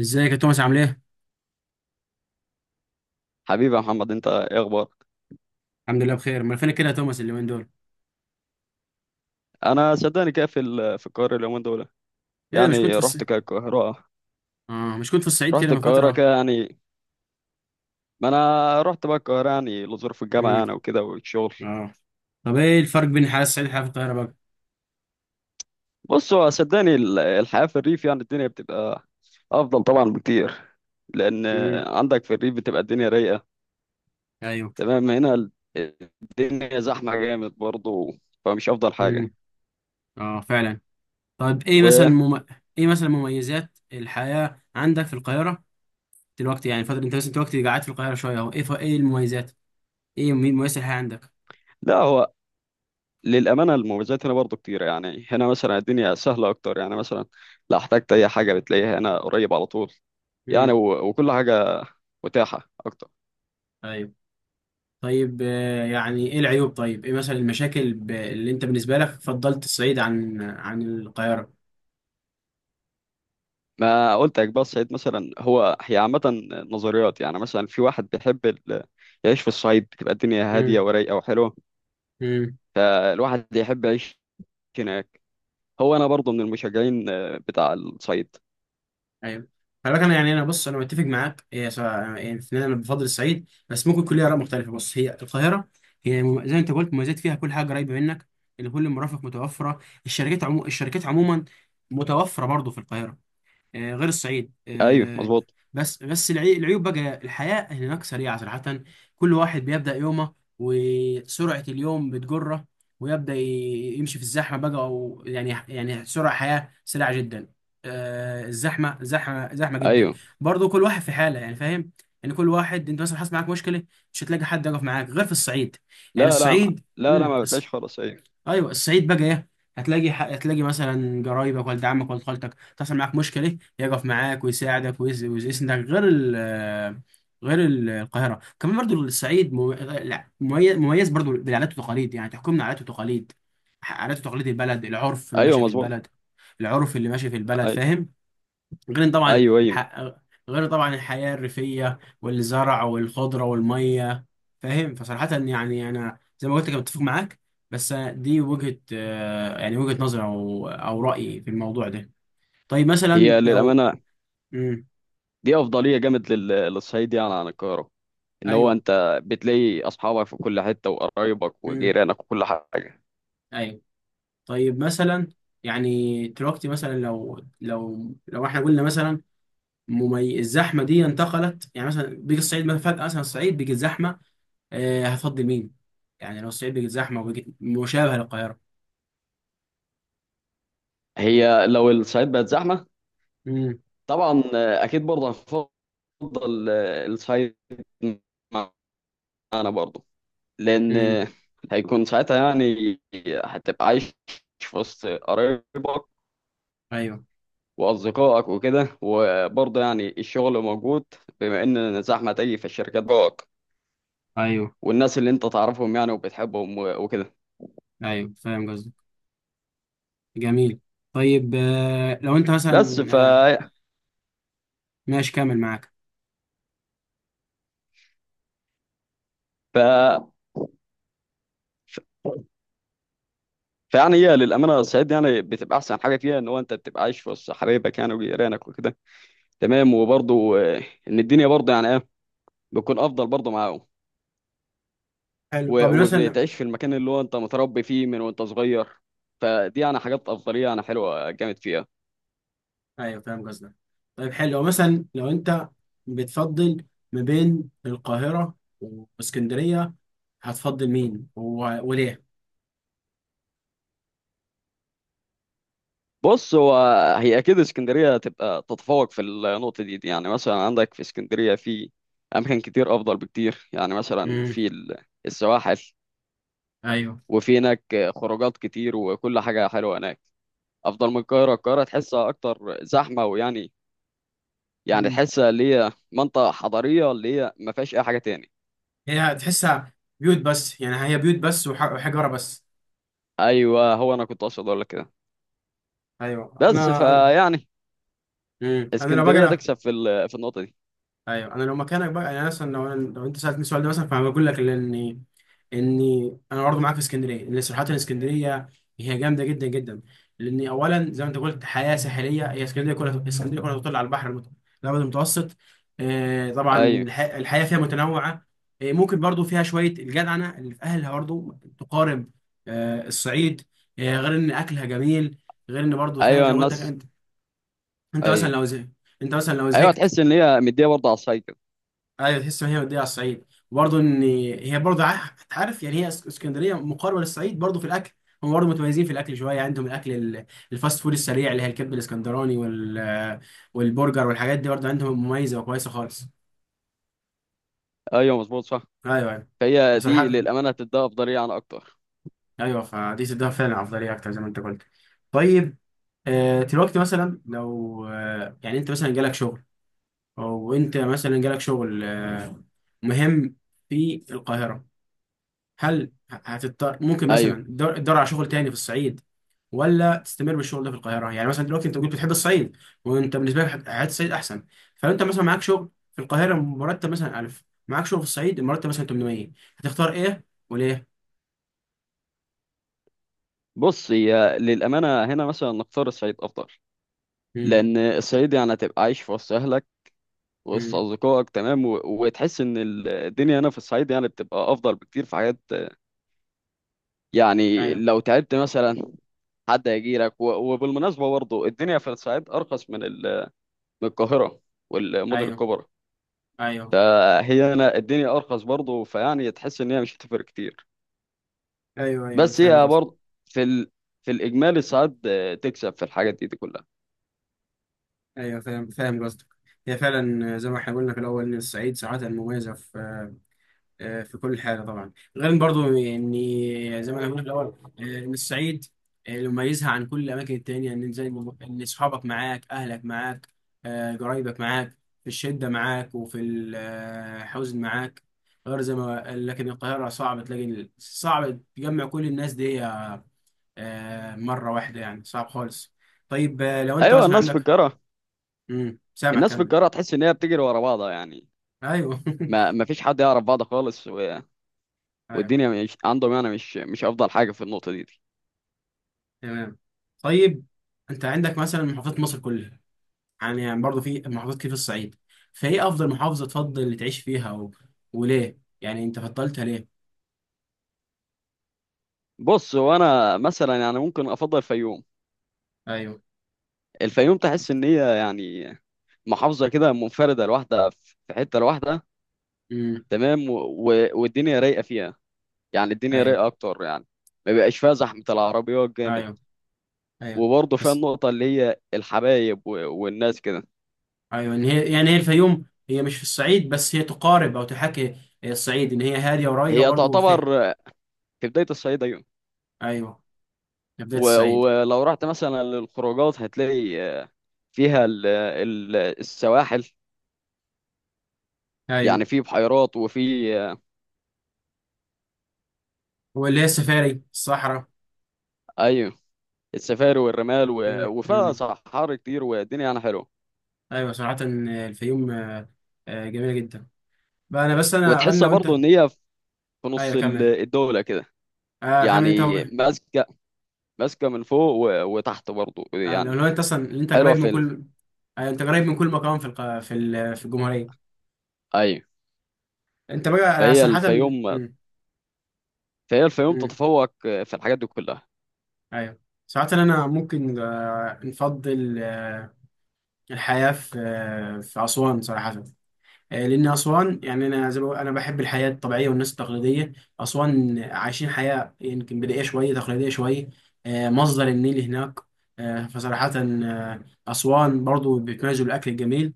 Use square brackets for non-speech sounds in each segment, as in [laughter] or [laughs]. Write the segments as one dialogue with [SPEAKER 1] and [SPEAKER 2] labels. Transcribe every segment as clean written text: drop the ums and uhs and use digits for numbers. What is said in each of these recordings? [SPEAKER 1] ازيك يا توماس، عامل ايه؟
[SPEAKER 2] حبيبي يا محمد، انت ايه اخبارك؟
[SPEAKER 1] الحمد لله بخير، امال فينك كده يا توماس اليومين دول؟
[SPEAKER 2] انا صدقني كده في القاهره اليومين دول.
[SPEAKER 1] ايه ده، مش كنت
[SPEAKER 2] يعني
[SPEAKER 1] في
[SPEAKER 2] رحت
[SPEAKER 1] الصعيد؟
[SPEAKER 2] كده القاهره.
[SPEAKER 1] اه، مش كنت في الصعيد كده
[SPEAKER 2] رحت
[SPEAKER 1] من
[SPEAKER 2] القاهره
[SPEAKER 1] فترة؟
[SPEAKER 2] كده يعني. ما انا رحت بقى القاهره يعني لظروف الجامعه
[SPEAKER 1] امم.
[SPEAKER 2] يعني وكده والشغل.
[SPEAKER 1] اه. طب ايه الفرق بين الحياة الصعيد والحياة في القاهرة بقى؟
[SPEAKER 2] بص، هو صدقني الحياه في الريف، يعني الدنيا بتبقى افضل طبعا بكتير، لان
[SPEAKER 1] امم.
[SPEAKER 2] عندك في الريف بتبقى الدنيا رايقه.
[SPEAKER 1] ايوه.
[SPEAKER 2] تمام، هنا الدنيا زحمه جامد برضه، فمش افضل حاجه.
[SPEAKER 1] امم. اه، فعلا. طيب ايه مثلا
[SPEAKER 2] ولا
[SPEAKER 1] مم... ايه مثلا مميزات الحياة عندك في القاهرة؟ دلوقتي يعني فترة انت بس انت دلوقتي قاعد في القاهرة شوية اهو، ايه المميزات؟ ايه مميزات الحياة عندك؟
[SPEAKER 2] هو للأمانة المميزات هنا برضو كتير. يعني هنا مثلا الدنيا سهلة أكتر. يعني مثلا لو احتجت أي حاجة بتلاقيها هنا قريب على طول. يعني
[SPEAKER 1] امم.
[SPEAKER 2] وكل حاجة متاحة أكتر.
[SPEAKER 1] ايوه. طيب، يعني ايه العيوب طيب؟ ايه مثلا المشاكل اللي انت بالنسبة لك فضلت الصعيد عن القاهرة؟
[SPEAKER 2] ما قلت لك بس سعيد مثلا، هو هي عامة نظريات. يعني مثلا في واحد بيحب يعيش في الصعيد، بتبقى الدنيا هادية ورايقة وحلوة،
[SPEAKER 1] امم.
[SPEAKER 2] فالواحد يحب يعيش هناك. هو أنا برضو من المشجعين، آه، بتاع الصعيد.
[SPEAKER 1] ايوه. خلي بالك، انا يعني انا بص انا متفق معاك. هي سواء يعني في النهاية انا بفضل الصعيد، بس ممكن كل اراء مختلفه. بص، هي القاهره هي زي ما انت قلت مميزات فيها كل حاجه قريبه منك، اللي كل المرافق متوفره. الشركات الشركات عموما متوفره برضه في القاهره، غير الصعيد
[SPEAKER 2] أيوه مظبوط.
[SPEAKER 1] بس العيوب بقى، الحياة هناك سريعة صراحة. كل واحد بيبدأ يومه وسرعة اليوم بتجره، ويبدأ يمشي في الزحمة بقى، أو يعني سرعة حياة سريعة جدا. الزحمة زحمة زحمة جدا.
[SPEAKER 2] أيوه.
[SPEAKER 1] برضو كل واحد في حالة، يعني فاهم. يعني كل واحد، انت مثلا حصل معاك مشكلة مش هتلاقي حد يقف معاك غير في الصعيد. يعني
[SPEAKER 2] لا لا.
[SPEAKER 1] الصعيد
[SPEAKER 2] لا
[SPEAKER 1] مم.
[SPEAKER 2] ما بتلاقيش خالص. أيوه.
[SPEAKER 1] ايوه، الصعيد بقى ايه؟ هتلاقي هتلاقي مثلا قرايبك، ولد عمك، ولد خالتك، تحصل معاك مشكله يقف معاك ويساعدك ويسندك، غير القاهره. كمان برضو الصعيد لا، مميز مميز برضو بالعادات والتقاليد، يعني تحكمنا عادات وتقاليد. عادات وتقاليد البلد، العرف اللي
[SPEAKER 2] أيوه
[SPEAKER 1] ماشي في
[SPEAKER 2] مظبوط.
[SPEAKER 1] البلد، العرف اللي ماشي في البلد،
[SPEAKER 2] أيوه.
[SPEAKER 1] فاهم. غير طبعا
[SPEAKER 2] أيوه. أيوه.
[SPEAKER 1] ح... غير طبعا الحياة الريفية والزرع والخضرة والمية، فاهم. فصراحة يعني أنا زي ما قلت كنت متفق معاك. بس دي وجهة يعني وجهة نظر، أو رأيي في الموضوع ده. طيب مثلا
[SPEAKER 2] هي
[SPEAKER 1] لو
[SPEAKER 2] للأمانة
[SPEAKER 1] مم.
[SPEAKER 2] دي افضليه جامد للصعيد يعني عن القاهره، ان هو
[SPEAKER 1] أيوه.
[SPEAKER 2] انت بتلاقي اصحابك في كل حته وقرايبك
[SPEAKER 1] مم.
[SPEAKER 2] وجيرانك وكل حاجه.
[SPEAKER 1] أيوه. طيب مثلا، يعني دلوقتي مثلا لو احنا قلنا مثلا، الزحمة دي انتقلت، يعني مثلا بيجي الصعيد مثلا فجأة، مثلا الصعيد بيجي الزحمة، هتفضل مين؟ يعني لو الصعيد بقت زحمه وبقت مشابهه للقاهره.
[SPEAKER 2] هي لو الصعيد بقت زحمه،
[SPEAKER 1] امم
[SPEAKER 2] طبعا آه، اكيد برضه هنفضل آه، الصعيد معانا برضه. لان
[SPEAKER 1] امم.
[SPEAKER 2] آه، هيكون ساعتها يعني هتبقى عايش في وسط قرايبك
[SPEAKER 1] ايوه
[SPEAKER 2] واصدقائك وكده. وبرضه يعني الشغل موجود، بما ان زحمه تيجي في الشركات بقى،
[SPEAKER 1] ايوه.
[SPEAKER 2] والناس اللي انت تعرفهم يعني وبتحبهم وكده.
[SPEAKER 1] ايوه، فاهم قصدك. جميل. طيب لو انت
[SPEAKER 2] بس
[SPEAKER 1] مثلا
[SPEAKER 2] ف
[SPEAKER 1] ماشي كامل معاك.
[SPEAKER 2] ف ف- فيعني هي للامانه الصعيد يعني بتبقى احسن حاجه فيها، ان هو انت بتبقى عايش وسط حبايبك يعني وجيرانك وكده. تمام. وبرضه آه، ان الدنيا برضه يعني ايه، بتكون افضل برضه معاهم.
[SPEAKER 1] حلو، طب مثلا.
[SPEAKER 2] وبتعيش في المكان اللي هو انت متربي فيه من وانت صغير. فدي يعني حاجات افضليه يعني حلوه جامد فيها.
[SPEAKER 1] ايوه، فاهم قصدك. طيب حلو، مثلا لو انت بتفضل ما بين القاهره واسكندريه، هتفضل مين وليه؟
[SPEAKER 2] بص هو، هي اكيد اسكندريه تبقى تتفوق في النقطه دي. يعني مثلا عندك في اسكندريه في اماكن كتير افضل بكتير. يعني مثلا
[SPEAKER 1] امم.
[SPEAKER 2] السواحل،
[SPEAKER 1] ايوه.
[SPEAKER 2] وفي هناك خروجات كتير، وكل حاجة حلوة هناك أفضل من القاهرة. القاهرة تحسها أكتر زحمة، ويعني يعني
[SPEAKER 1] مم.
[SPEAKER 2] تحسها اللي هي منطقة حضرية اللي هي ما فيهاش أي حاجة تاني.
[SPEAKER 1] هي هتحسها بيوت بس، يعني هي بيوت بس وحجاره بس.
[SPEAKER 2] أيوه، هو أنا كنت أقصد أقول لك كده،
[SPEAKER 1] ايوه
[SPEAKER 2] بس
[SPEAKER 1] انا.
[SPEAKER 2] فيعني
[SPEAKER 1] انا لو باجي
[SPEAKER 2] اسكندرية
[SPEAKER 1] انا.
[SPEAKER 2] تكسب في النقطة دي.
[SPEAKER 1] ايوه، انا لو مكانك بقى، يعني مثلا لو انت سالتني السؤال ده مثلا، فانا بقول لك، لان اني انا برضه معاك في اسكندريه، لان صراحه الاسكندريه هي جامده جدا جدا. لان اولا زي ما انت قلت، حياه ساحليه. هي اسكندريه كلها، اسكندريه كلها تطل على البحر الابيض المتوسط. طبعا
[SPEAKER 2] أيوه.
[SPEAKER 1] الحياه فيها متنوعه. ممكن برضه فيها شويه الجدعنه اللي في اهلها، برضه تقارب الصعيد. غير ان اكلها جميل، غير ان برضه فاهم
[SPEAKER 2] أيوه
[SPEAKER 1] زي ما قلت لك
[SPEAKER 2] الناس.
[SPEAKER 1] انت. انت مثلا
[SPEAKER 2] أيوه.
[SPEAKER 1] لو. انت مثلا لو
[SPEAKER 2] أيوه
[SPEAKER 1] زهقت،
[SPEAKER 2] تحس إن هي مدية برضه على الصعيد كده.
[SPEAKER 1] ايوه، تحس ان هي مديه على الصعيد، وبرضه ان هي برضه عارف، يعني هي اسكندريه مقاربه للصعيد برضه في الاكل. هم برضه متميزين في الاكل شويه، عندهم الاكل، الفاست فود السريع، اللي هي الكبد الاسكندراني، والبرجر والحاجات دي برضه عندهم مميزه وكويسه خالص.
[SPEAKER 2] أيوه مظبوط صح.
[SPEAKER 1] ايوه ايوه.
[SPEAKER 2] فهي دي
[SPEAKER 1] بصراحه،
[SPEAKER 2] للأمانة هتديها أفضلية عن أكتر.
[SPEAKER 1] ايوه، فدي تديها فعلا افضليه اكتر زي ما انت قلت. طيب، دلوقتي مثلا لو آه،، يعني انت مثلا جالك شغل، او انت مثلا جالك شغل، مهم، في القاهره. هل هتضطر ممكن
[SPEAKER 2] أيوه.
[SPEAKER 1] مثلا تدور على شغل تاني في الصعيد، ولا تستمر بالشغل ده في القاهره؟ يعني مثلا دلوقتي انت قلت بتحب الصعيد، وانت بالنسبه لك حياه الصعيد احسن. فلو انت مثلا معاك شغل في القاهره مرتب مثلا 1000، معاك شغل في الصعيد مرتب مثلا 800، هتختار ايه وليه؟
[SPEAKER 2] بص هي للأمانة هنا مثلا نختار الصعيد أفضل،
[SPEAKER 1] امم
[SPEAKER 2] لأن الصعيد يعني هتبقى عايش في وسط أهلك، وسط
[SPEAKER 1] امم.
[SPEAKER 2] أصدقائك. تمام. وتحس إن الدنيا هنا في الصعيد يعني بتبقى أفضل بكتير في حاجات. يعني
[SPEAKER 1] ايوه
[SPEAKER 2] لو تعبت مثلا حد هيجي لك وبالمناسبة برضه الدنيا في الصعيد أرخص من من القاهرة والمدن
[SPEAKER 1] ايوه
[SPEAKER 2] الكبرى.
[SPEAKER 1] ايوه
[SPEAKER 2] فهي هنا الدنيا أرخص برضه، فيعني تحس إن هي مش هتفرق كتير.
[SPEAKER 1] ايوه ايوه،
[SPEAKER 2] بس
[SPEAKER 1] فاهم
[SPEAKER 2] هي
[SPEAKER 1] قصدك.
[SPEAKER 2] برضه في ال... في الإجمالي الصعيد آه، تكسب في الحاجات دي كلها.
[SPEAKER 1] ايوه، فاهم قصدك. هي فعلا زي ما احنا قلنا في الاول، ان الصعيد ساعات مميزه في في كل حاجه طبعا، غير برضو، يعني زي ما انا قلت في الاول، ان الصعيد اللي مميزها عن كل الاماكن التانيه، ان زي ما ان اصحابك معاك، اهلك معاك، قرايبك معاك، في الشده معاك، وفي الحزن معاك، غير زي ما لكن القاهره صعب تلاقي صعب تجمع كل الناس دي مره واحده، يعني صعب خالص. طيب لو انت
[SPEAKER 2] أيوه
[SPEAKER 1] مثلا
[SPEAKER 2] الناس في
[SPEAKER 1] عندك.
[SPEAKER 2] القاهرة.
[SPEAKER 1] امم، سامع،
[SPEAKER 2] الناس في
[SPEAKER 1] كمل.
[SPEAKER 2] القاهرة تحس إن هي بتجري ورا بعضها يعني.
[SPEAKER 1] ايوه [laughs]
[SPEAKER 2] ما فيش حد يعرف بعض خالص،
[SPEAKER 1] ايوه.
[SPEAKER 2] والدنيا مش عندهم يعني، مش افضل حاجه في النقطه دي.
[SPEAKER 1] تمام. طيب، انت عندك مثلا محافظات مصر كلها، يعني برضه في محافظات كتير في الصعيد. فايه افضل محافظه تفضل تعيش فيها، وليه يعني انت فضلتها ليه؟
[SPEAKER 2] بص، هو انا مثلا يعني ممكن افضل الفيوم.
[SPEAKER 1] ايوه.
[SPEAKER 2] الفيوم تحس ان هي يعني محافظه كده منفرده لوحدها في حته لوحدها.
[SPEAKER 1] امم.
[SPEAKER 2] تمام. والدنيا رايقه فيها، يعني الدنيا
[SPEAKER 1] ايوه
[SPEAKER 2] رايقه اكتر يعني، ما بيبقاش فيها زحمه العربيات جامد.
[SPEAKER 1] ايوه ايوه،
[SPEAKER 2] وبرضه فيها
[SPEAKER 1] بس
[SPEAKER 2] النقطه اللي هي الحبايب والناس كده.
[SPEAKER 1] ايوه، ان هي يعني، هي الفيوم، هي مش في الصعيد بس هي تقارب او تحاكي الصعيد، ان هي هاديه ورايقه
[SPEAKER 2] هي
[SPEAKER 1] برضه
[SPEAKER 2] تعتبر
[SPEAKER 1] فيها.
[SPEAKER 2] في بدايه الصعيد، ايوه.
[SPEAKER 1] ايوه، يا بدايه الصعيد.
[SPEAKER 2] ولو رحت مثلا للخروجات هتلاقي فيها السواحل،
[SPEAKER 1] ايوه.
[SPEAKER 2] يعني في بحيرات وفي،
[SPEAKER 1] واللي هي السفاري، الصحراء.
[SPEAKER 2] ايوه، السفاري والرمال، وفيها
[SPEAKER 1] امم.
[SPEAKER 2] صحاري كتير والدنيا يعني حلوه.
[SPEAKER 1] ايوه، صراحه الفيوم جميله جدا. بقى انا بس انا
[SPEAKER 2] وتحسها
[SPEAKER 1] لو انت.
[SPEAKER 2] برضو ان هي في
[SPEAKER 1] ايوه
[SPEAKER 2] نص
[SPEAKER 1] كمل.
[SPEAKER 2] الدوله كده،
[SPEAKER 1] آه، كمل انت.
[SPEAKER 2] يعني ماسكه، ماسكه من فوق وتحت برضو يعني.
[SPEAKER 1] الاولويات اصلا ان انت
[SPEAKER 2] حلوه
[SPEAKER 1] قريب من كل، انت قريب من كل مكان في الق... في ال... في الجمهوريه.
[SPEAKER 2] ايوه.
[SPEAKER 1] انت بقى انا
[SPEAKER 2] فهي
[SPEAKER 1] صراحه
[SPEAKER 2] الفيوم
[SPEAKER 1] مم.
[SPEAKER 2] فهي الفيوم
[SPEAKER 1] مم.
[SPEAKER 2] تتفوق في الحاجات دي كلها.
[SPEAKER 1] ايوه. صراحه انا ممكن نفضل الحياه في اسوان صراحه. لان اسوان، يعني انا زي ما انا بحب الحياه الطبيعيه والناس التقليديه. اسوان عايشين حياه يمكن بدائيه شويه، تقليديه شويه. مصدر النيل هناك. فصراحه، اسوان برضو بيتميزوا بالاكل الجميل.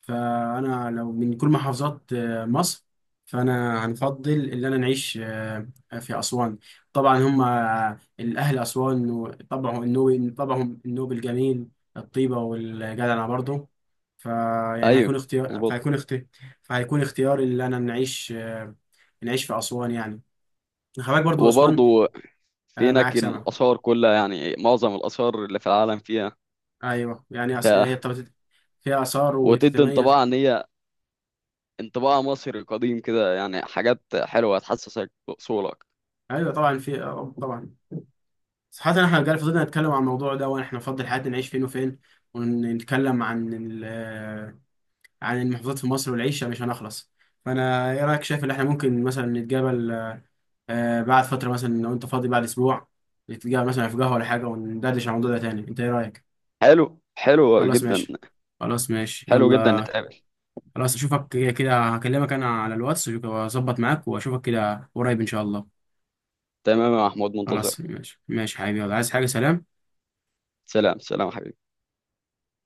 [SPEAKER 1] فانا لو من كل محافظات مصر، فانا هنفضل ان انا نعيش في اسوان. طبعا هم الاهل اسوان، وطبعهم النوبي، طبعهم النوبي الجميل، الطيبه والجدعنه برضه. فيعني هيكون
[SPEAKER 2] ايوه
[SPEAKER 1] اختيار
[SPEAKER 2] مظبوط.
[SPEAKER 1] فهيكون اختيار فهيكون اختياري ان انا نعيش نعيش في اسوان يعني. خلي برضه اسوان.
[SPEAKER 2] وبرضو في
[SPEAKER 1] معاك،
[SPEAKER 2] هناك
[SPEAKER 1] سمع.
[SPEAKER 2] الاثار كلها، يعني معظم الاثار اللي في العالم فيها.
[SPEAKER 1] ايوه، يعني
[SPEAKER 2] ف...
[SPEAKER 1] فيها اثار
[SPEAKER 2] وتدي
[SPEAKER 1] وتتميز.
[SPEAKER 2] انطباع ان هي انطباع مصري قديم كده، يعني حاجات حلوة تحسسك بأصولك.
[SPEAKER 1] ايوه، طبعا في آه، طبعا صراحة احنا جالي فضلنا نتكلم عن الموضوع ده، واحنا نفضل حياتنا نعيش فين وفين، ونتكلم عن عن المحافظات في مصر والعيشة، مش هنخلص. فانا ايه رأيك، شايف ان احنا ممكن مثلا نتقابل، بعد فترة مثلا لو انت فاضي بعد اسبوع؟ نتقابل مثلا في قهوة ولا حاجة وندردش عن الموضوع ده تاني، انت ايه رأيك؟
[SPEAKER 2] حلو، حلو
[SPEAKER 1] خلاص
[SPEAKER 2] جدا.
[SPEAKER 1] ماشي. خلاص ماشي
[SPEAKER 2] حلو جدا،
[SPEAKER 1] يلا.
[SPEAKER 2] نتقابل.
[SPEAKER 1] خلاص، اشوفك كده كده، هكلمك انا على الواتس واظبط معاك، واشوفك كده قريب ان شاء الله.
[SPEAKER 2] تمام يا محمود، منتظر.
[SPEAKER 1] خلاص ماشي ماشي حبيبي، يلا، عايز حاجة، سلام.
[SPEAKER 2] سلام، سلام يا حبيبي.